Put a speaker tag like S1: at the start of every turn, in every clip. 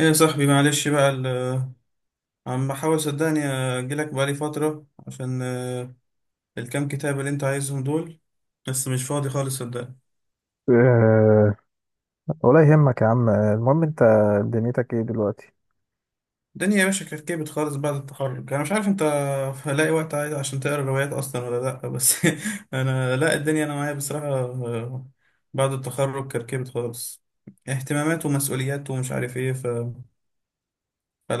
S1: ايه يا صاحبي، معلش بقى عم بحاول، صدقني، اجيلك بقالي فترة عشان الكام كتاب اللي انت عايزهم دول، بس مش فاضي خالص، صدقني.
S2: أه، ولا يهمك يا عم، المهم انت دنيتك ايه دلوقتي؟
S1: الدنيا يا باشا كركبت خالص بعد التخرج، انا مش عارف انت هلاقي وقت عايز عشان تقرا روايات اصلا ولا لا، بس انا لا، الدنيا انا معايا بصراحة، بعد التخرج كركبت خالص، اهتمامات ومسؤوليات ومش عارف ايه،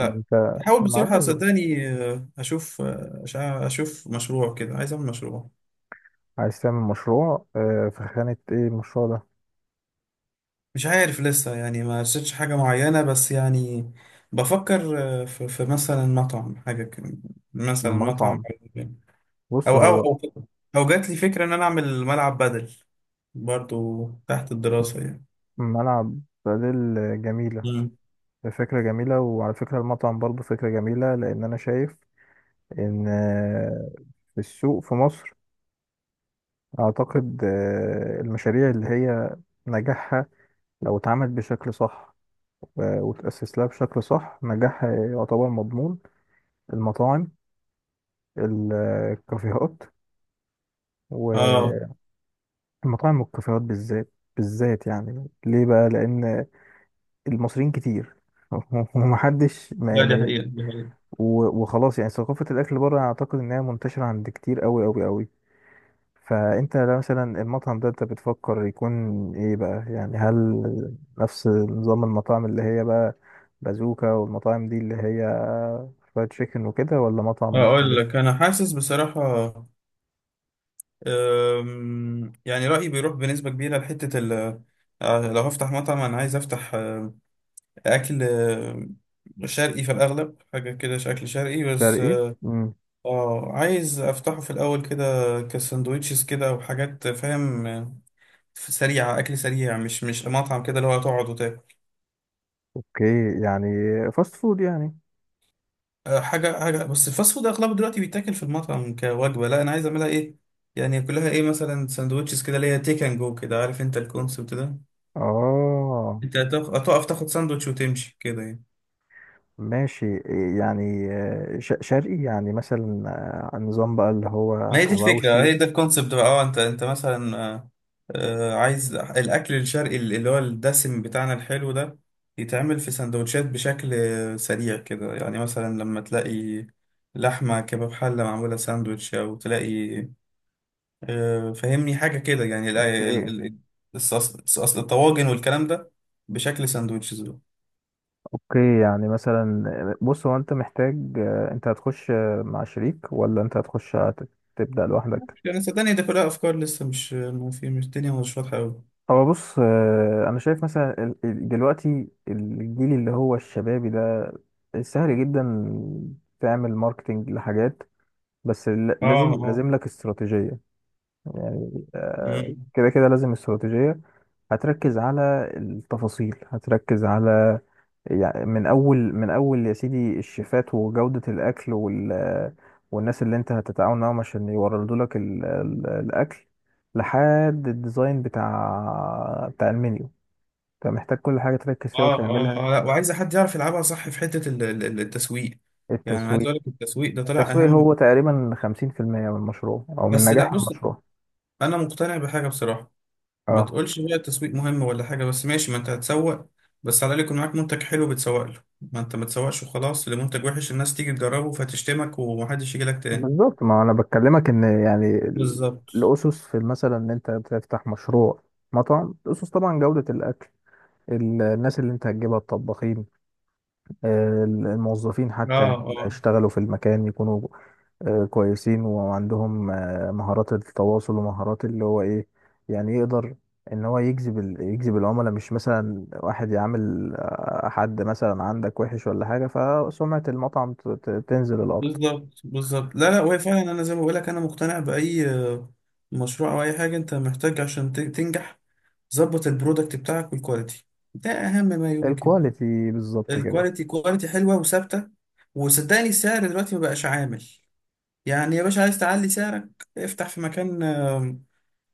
S2: ما انت
S1: بحاول
S2: ما
S1: بصراحة،
S2: لازم.
S1: صدقني، اشوف اشوف مشروع كده، عايز اعمل مشروع.
S2: عايز تعمل مشروع في خانة ايه المشروع ده؟
S1: مش عارف لسه، يعني ما رسيتش حاجة معينة، بس يعني بفكر في مثلا مطعم، حاجة كده. مثلا مطعم،
S2: مطعم. بص،
S1: أو أو
S2: هو
S1: أو أو جات لي فكرة إن أنا أعمل ملعب بدل، برضو تحت الدراسة يعني.
S2: ملعب بدل. جميلة.
S1: مم.
S2: فكرة جميلة، وعلى فكرة المطعم برضه فكرة جميلة، لأن أنا شايف إن في السوق في مصر أعتقد المشاريع اللي هي نجاحها لو اتعملت بشكل صح وتأسس لها بشكل صح نجاحها يعتبر مضمون. المطاعم، ال- الكافيهات،
S1: آه
S2: والمطاعم والكافيهات بالذات بالذات، يعني ليه بقى؟ لأن المصريين كتير ومحدش
S1: لا،
S2: ما
S1: دي
S2: ما
S1: حقيقة، دي حقيقة.
S2: وخلاص، يعني ثقافة الأكل بره أعتقد إنها منتشرة عند كتير أوي أوي أوي. فأنت لو مثلا المطعم ده أنت بتفكر يكون إيه بقى؟ يعني هل نفس نظام المطاعم اللي هي بقى بازوكا والمطاعم دي اللي هي فرايد تشيكن وكده، ولا مطعم
S1: أقول
S2: مختلف؟
S1: لك، أنا حاسس بصراحة، يعني رأيي بيروح بنسبة كبيرة لحتة ال آه، لو هفتح مطعم أنا عايز أفتح أكل شرقي في الأغلب، حاجة كده شكل شرقي بس.
S2: شرقي؟ امم
S1: اه، عايز افتحه في الاول كده، كساندوتشز كده وحاجات، فاهم، سريعه، اكل سريع، مش مش مطعم كده اللي هو تقعد وتاكل.
S2: اوكي، يعني فاست فود يعني.
S1: حاجه حاجه، بس الفاست فود اغلبه دلوقتي بيتاكل في المطعم كوجبه، لا انا عايز اعملها ايه، يعني كلها ايه، مثلا ساندوتشز كده اللي هي تيك اند جو كده، عارف انت الكونسبت ده.
S2: اه،
S1: انت هتقف هتقف تاخد ساندوتش وتمشي كده يعني.
S2: ماشي، يعني شرقي يعني مثلا، نظام بقى اللي هو
S1: ما هي دي الفكرة،
S2: حواوشي.
S1: هي ده الكونسبت بقى. اه، انت مثلا عايز الأكل الشرقي اللي هو الدسم بتاعنا الحلو ده، يتعمل في سندوتشات بشكل سريع كده، يعني مثلا لما تلاقي لحمة كباب حلة معمولة ساندوتش، أو تلاقي فهمني حاجة كده، يعني
S2: اوكي،
S1: الطواجن والكلام ده بشكل ساندوتشز بقى.
S2: اوكي، يعني مثلا بص، هو انت محتاج انت هتخش مع شريك، ولا انت هتخش تبدأ لوحدك؟
S1: مش يعني صدقني، ده كلها أفكار لسه، مش ما في، مش الدنيا مش واضحة أوي.
S2: هو بص، انا شايف مثلا دلوقتي الجيل اللي هو الشبابي ده سهل جدا تعمل ماركتينج لحاجات، بس لازم
S1: اه
S2: لازم لك استراتيجية. يعني
S1: اه
S2: كده كده لازم استراتيجية. هتركز على التفاصيل، هتركز على، يعني من أول من أول يا سيدي، الشيفات وجودة الأكل والناس اللي أنت هتتعاون معاهم عشان يوردوا لك الأكل، لحد الديزاين بتاع المنيو. أنت محتاج كل حاجة تركز فيها
S1: اه اه
S2: وتعملها.
S1: اه، لا، وعايزه حد يعرف يلعبها صح في حته التسويق، يعني عايز
S2: التسويق.
S1: اقول لك التسويق ده طلع
S2: التسويق
S1: اهم.
S2: هو تقريبا 50% من المشروع، أو من
S1: بس لا،
S2: نجاح
S1: بص،
S2: المشروع.
S1: انا مقتنع بحاجه بصراحه، ما
S2: اه،
S1: تقولش بقى التسويق مهم ولا حاجه، بس ماشي، ما انت هتسوق، بس على الاقل يكون معاك منتج حلو بتسوق له، ما انت ما تسوقش وخلاص لمنتج وحش، الناس تيجي تجربه فتشتمك ومحدش يجي لك تاني.
S2: بالظبط. ما انا بكلمك ان يعني
S1: بالظبط،
S2: الاسس في، مثلا، ان انت تفتح مشروع مطعم. الاسس طبعا جودة الاكل، الناس اللي انت هتجيبها، الطباخين، الموظفين حتى
S1: اه
S2: اللي
S1: اه،
S2: هيشتغلوا في المكان يكونوا كويسين، وعندهم مهارات التواصل ومهارات اللي هو ايه، يعني يقدر ان هو يجذب يجذب العملاء. مش مثلا واحد يعامل حد مثلا عندك وحش ولا حاجة، فسمعة المطعم تنزل الارض.
S1: بالظبط بالظبط، لا لا، وهي فعلا، انا زي ما بقول لك، انا مقتنع باي مشروع او اي حاجه، انت محتاج عشان تنجح، ظبط البرودكت بتاعك والكواليتي، ده اهم ما يمكن.
S2: الكواليتي، بالظبط كده.
S1: الكواليتي، كواليتي حلوه وثابته. وصدقني السعر دلوقتي ما بقاش عامل، يعني يا باشا، عايز تعلي سعرك افتح في مكان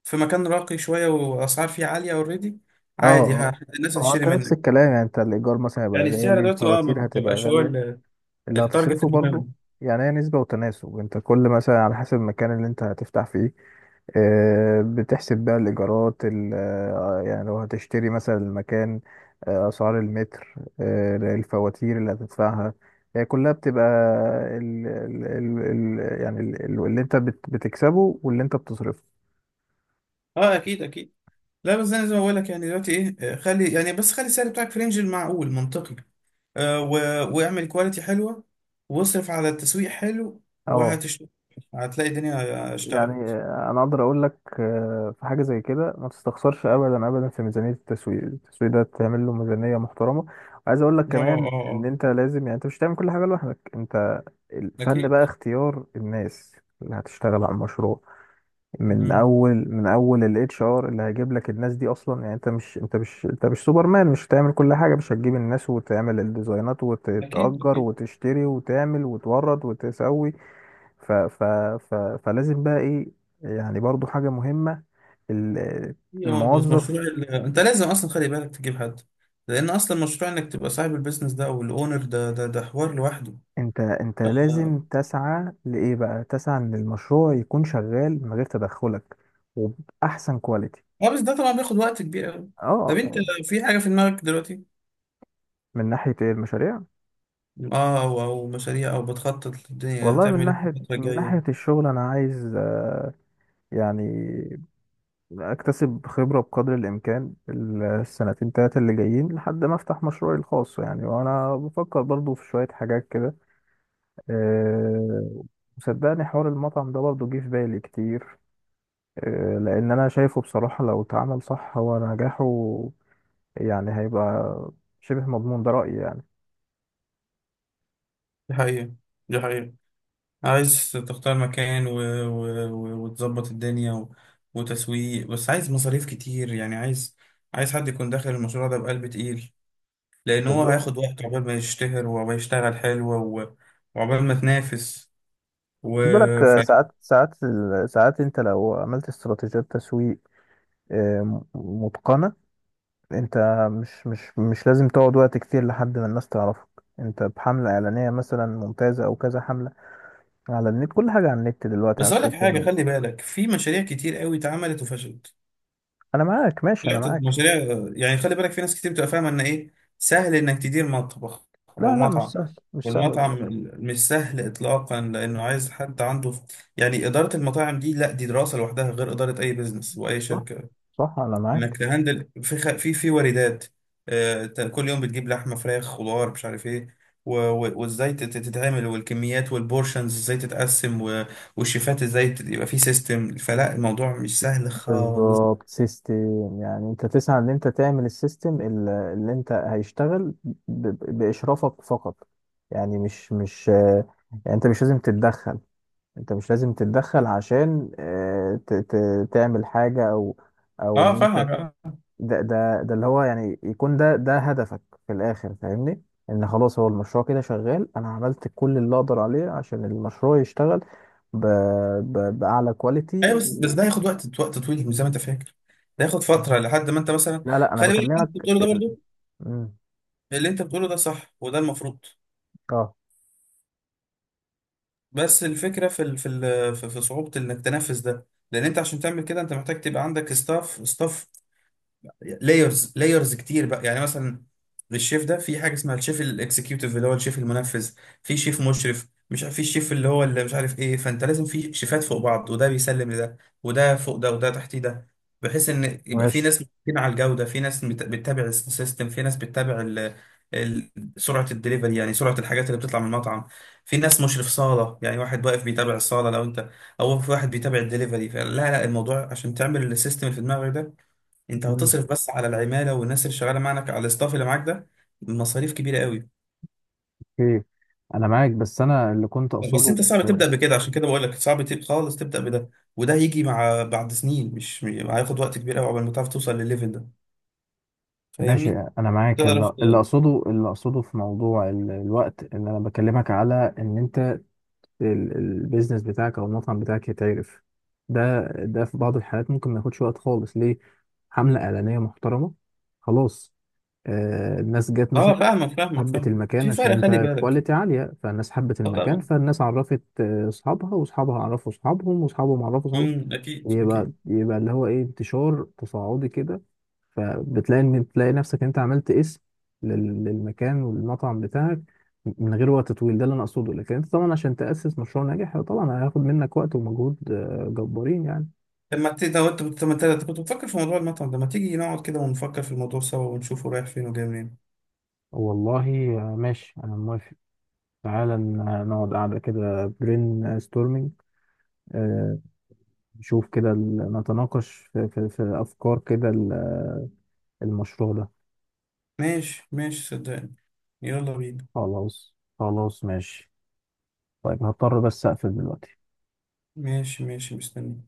S1: في مكان راقي شويه واسعار فيه عاليه اوريدي،
S2: اه،
S1: عادي،
S2: اه،
S1: الناس
S2: هو
S1: هتشتري
S2: انت نفس
S1: منك.
S2: الكلام. يعني انت الايجار مثلا هيبقى
S1: يعني السعر
S2: غالي،
S1: دلوقتي، اه، ما
S2: الفواتير هتبقى
S1: بقاش هو
S2: غاليه، اللي
S1: التارجت
S2: هتصرفه برضو.
S1: المهم.
S2: يعني هي نسبه وتناسب. انت كل مثلا على حسب المكان اللي انت هتفتح فيه، بتحسب بقى الإيجارات يعني لو هتشتري مثلا المكان، أسعار المتر، الفواتير اللي هتدفعها، هي كلها بتبقى ال ال ال ال يعني اللي انت بتكسبه، واللي انت بتصرفه.
S1: اه، اكيد اكيد. لا بس انا زي ما بقول لك، يعني دلوقتي ايه، خلي يعني، بس خلي السعر بتاعك في رينج المعقول منطقي، آه و... واعمل كواليتي حلوه، واصرف على التسويق حلو،
S2: اه،
S1: وهتشتغل، هتلاقي الدنيا
S2: يعني
S1: اشتغلت.
S2: انا اقدر اقول لك في حاجه زي كده ما تستخسرش ابدا ابدا في ميزانيه التسويق. التسويق ده تعمل له ميزانيه محترمه. وعايز اقول لك
S1: اه اه
S2: كمان ان
S1: اه،
S2: انت لازم، يعني انت مش هتعمل كل حاجه لوحدك. انت الفن
S1: اكيد.
S2: بقى اختيار الناس اللي هتشتغل على المشروع، من
S1: مم.
S2: اول من اول الـHR اللي هيجيب لك الناس دي اصلا. يعني انت مش سوبرمان. مش هتعمل كل حاجه، مش هتجيب الناس وتعمل الديزاينات
S1: اكيد
S2: وتأجر
S1: اكيد،
S2: وتشتري وتعمل وتورد وتسوي. ف ف ف فلازم بقى ايه؟ يعني برضو حاجة مهمة، ال-
S1: هي مظبوط. مشروع
S2: الموظف.
S1: انت لازم اصلا خلي بالك تجيب حد، لان اصلا مشروع انك تبقى صاحب البيزنس ده او الاونر ده ده حوار لوحده.
S2: انت لازم تسعى لايه بقى؟ تسعى ان المشروع يكون شغال من غير تدخلك، وبأحسن كواليتي.
S1: اه، بس ده طبعا بياخد وقت كبير قوي. طب
S2: اه.
S1: انت، في حاجه في دماغك دلوقتي؟
S2: من ناحية ايه؟ المشاريع.
S1: اه، او مشاريع، او بتخطط للدنيا
S2: والله من
S1: هتعمل ايه في
S2: ناحية
S1: الفترة
S2: من ناحية
S1: الجاية؟
S2: الشغل انا عايز يعني اكتسب خبرة بقدر الامكان السنتين تلاتة اللي جايين، لحد ما افتح مشروعي الخاص. يعني وانا بفكر برضو في شوية حاجات كده. أه، وصدقني حوار المطعم ده برضه جه في بالي كتير. أه، لأن أنا شايفه بصراحة، لو اتعمل صح هو نجاحه يعني هيبقى شبه مضمون. ده رأيي يعني.
S1: دي حقيقة، دي حقيقة. عايز تختار مكان وتظبط الدنيا وتسويق، بس عايز مصاريف كتير، يعني عايز، عايز حد يكون داخل المشروع ده بقلب تقيل، لأن هو
S2: بالظبط.
S1: هياخد وقت عقبال ما يشتهر ويشتغل حلو و... وعقبال ما تنافس و...
S2: خد بالك،
S1: ف...
S2: ساعات ساعات انت لو عملت استراتيجيات تسويق آه، م- متقنة، انت مش لازم تقعد وقت كتير لحد ما الناس تعرفك. انت بحملة اعلانية مثلا ممتازة، او كذا حملة، على النت، كل حاجة على النت دلوقتي، على
S1: بس أقول لك
S2: السوشيال
S1: حاجة،
S2: ميديا.
S1: خلي بالك في مشاريع كتير قوي اتعملت وفشلت.
S2: انا معاك، ماشي،
S1: لا
S2: انا معاك.
S1: المشاريع يعني، خلي بالك، في ناس كتير بتبقى فاهمه ان ايه سهل انك تدير مطبخ او
S2: لا، لا، مش
S1: مطعم.
S2: سهل، مش سهل،
S1: والمطعم
S2: غلط.
S1: مش سهل اطلاقا، لانه عايز حد عنده، يعني اداره المطاعم دي لا، دي دراسه لوحدها، غير اداره اي بزنس واي
S2: صح،
S1: شركه.
S2: صح، انا
S1: انك
S2: معاك.
S1: تهندل في في واردات، كل يوم بتجيب لحمه فراخ خضار مش عارف ايه، وازاي تتعمل، والكميات والبورشنز ازاي تتقسم، والشيفات ازاي يبقى في سيستم، فلا الموضوع مش سهل خالص.
S2: بالظبط سيستم. يعني انت تسعى ان انت تعمل السيستم اللي انت هيشتغل باشرافك فقط. يعني مش مش يعني انت مش لازم تتدخل. انت مش لازم تتدخل عشان تعمل حاجة، او ان
S1: اه
S2: انت،
S1: فاهم.
S2: ده اللي هو يعني، يكون ده هدفك في الاخر، فاهمني؟ ان خلاص هو المشروع كده شغال. انا عملت كل اللي اقدر عليه عشان المشروع يشتغل ب... باعلى كواليتي
S1: ايوه، بس
S2: و...
S1: ده هياخد وقت، وقت طويل، مش زي ما انت فاكر. ده هياخد فتره لحد ما انت مثلا،
S2: لا، لا، انا
S1: خلي بالك اللي
S2: بكلمك
S1: انت بتقوله ده
S2: ال-
S1: برضو،
S2: مم.
S1: اللي انت بتقوله ده صح، وده المفروض.
S2: اه،
S1: بس الفكره في ال... في ال... في في صعوبه انك تنفذ ده، لان انت عشان تعمل كده انت محتاج تبقى عندك ستاف ستاف، لايرز لايرز كتير بقى، يعني مثلا للشيف ده في حاجه اسمها الشيف الاكسكيوتيف اللي هو الشيف المنفذ، في شيف مشرف، مش عارف، في الشيف اللي هو اللي مش عارف ايه، فانت لازم في شيفات فوق بعض، وده بيسلم لده، وده فوق ده، وده تحتيه ده، بحيث ان يبقى في
S2: ماشي.
S1: ناس متفقين على الجوده، في ناس بتتابع السيستم، في ناس بتتابع ال- سرعه الدليفري، يعني سرعه الحاجات اللي بتطلع من المطعم. في ناس مشرف صاله، يعني واحد واقف بيتابع الصاله لو انت، او في واحد بيتابع الدليفري، فلا لا الموضوع، عشان تعمل السيستم اللي في دماغك ده انت
S2: مم.
S1: هتصرف بس على العماله والناس اللي شغاله معاك، على الاستاف اللي معاك ده، مصاريف كبيره قوي.
S2: اوكي، انا معاك، بس انا اللي كنت
S1: بس
S2: اقصده
S1: انت صعب تبدا بكده، عشان كده بقول لك صعب خالص تبدا بده، وده هيجي مع بعد سنين، مش هياخد وقت كبير قوي قبل ما تعرف توصل للليفل ده،
S2: ماشي،
S1: فاهمني؟
S2: انا معاك.
S1: تعرف
S2: اللي اللي
S1: ت-
S2: اقصده اللي اقصده في موضوع الوقت، ان انا بكلمك على ان انت، البيزنس بتاعك او المطعم بتاعك يتعرف. ده في بعض الحالات ممكن ما ياخدش وقت خالص، ليه؟ حملة إعلانية محترمة، خلاص، الناس جت
S1: اه
S2: مثلا،
S1: فاهمك، فاهمك،
S2: حبت
S1: فاهم
S2: المكان
S1: في
S2: عشان
S1: فرق، خلي
S2: انت
S1: بالك.
S2: كواليتي عالية، فالناس حبت
S1: اه
S2: المكان،
S1: طبعا.
S2: فالناس عرفت اصحابها، واصحابها عرفوا اصحابهم، واصحابهم عرفوا اصحابهم.
S1: اكيد
S2: يبقى
S1: اكيد.
S2: يبقى اللي هو ايه، انتشار تصاعدي كده. فبتلاقي ان تلاقي نفسك انت عملت اسم للمكان والمطعم بتاعك من غير وقت طويل. ده اللي انا اقصده. لكن انت طبعا عشان تأسس مشروع ناجح طبعا هياخد منك وقت ومجهود جبارين يعني.
S1: طب ما انت كنت بتفكر في موضوع المطعم ده، ما تيجي نقعد كده ونفكر في الموضوع سوا ونشوفه رايح فين وجاي منين؟
S2: والله، ماشي، انا موافق. تعالى نقعد قاعدة كده برين ستورمينج. نشوف كده نتناقش في, في, في افكار كده المشروع ده.
S1: ماشي ماشي، صدقني، يلا بينا.
S2: خلاص، خلاص، ماشي. طيب، هضطر بس اقفل دلوقتي.
S1: ماشي ماشي، مستني.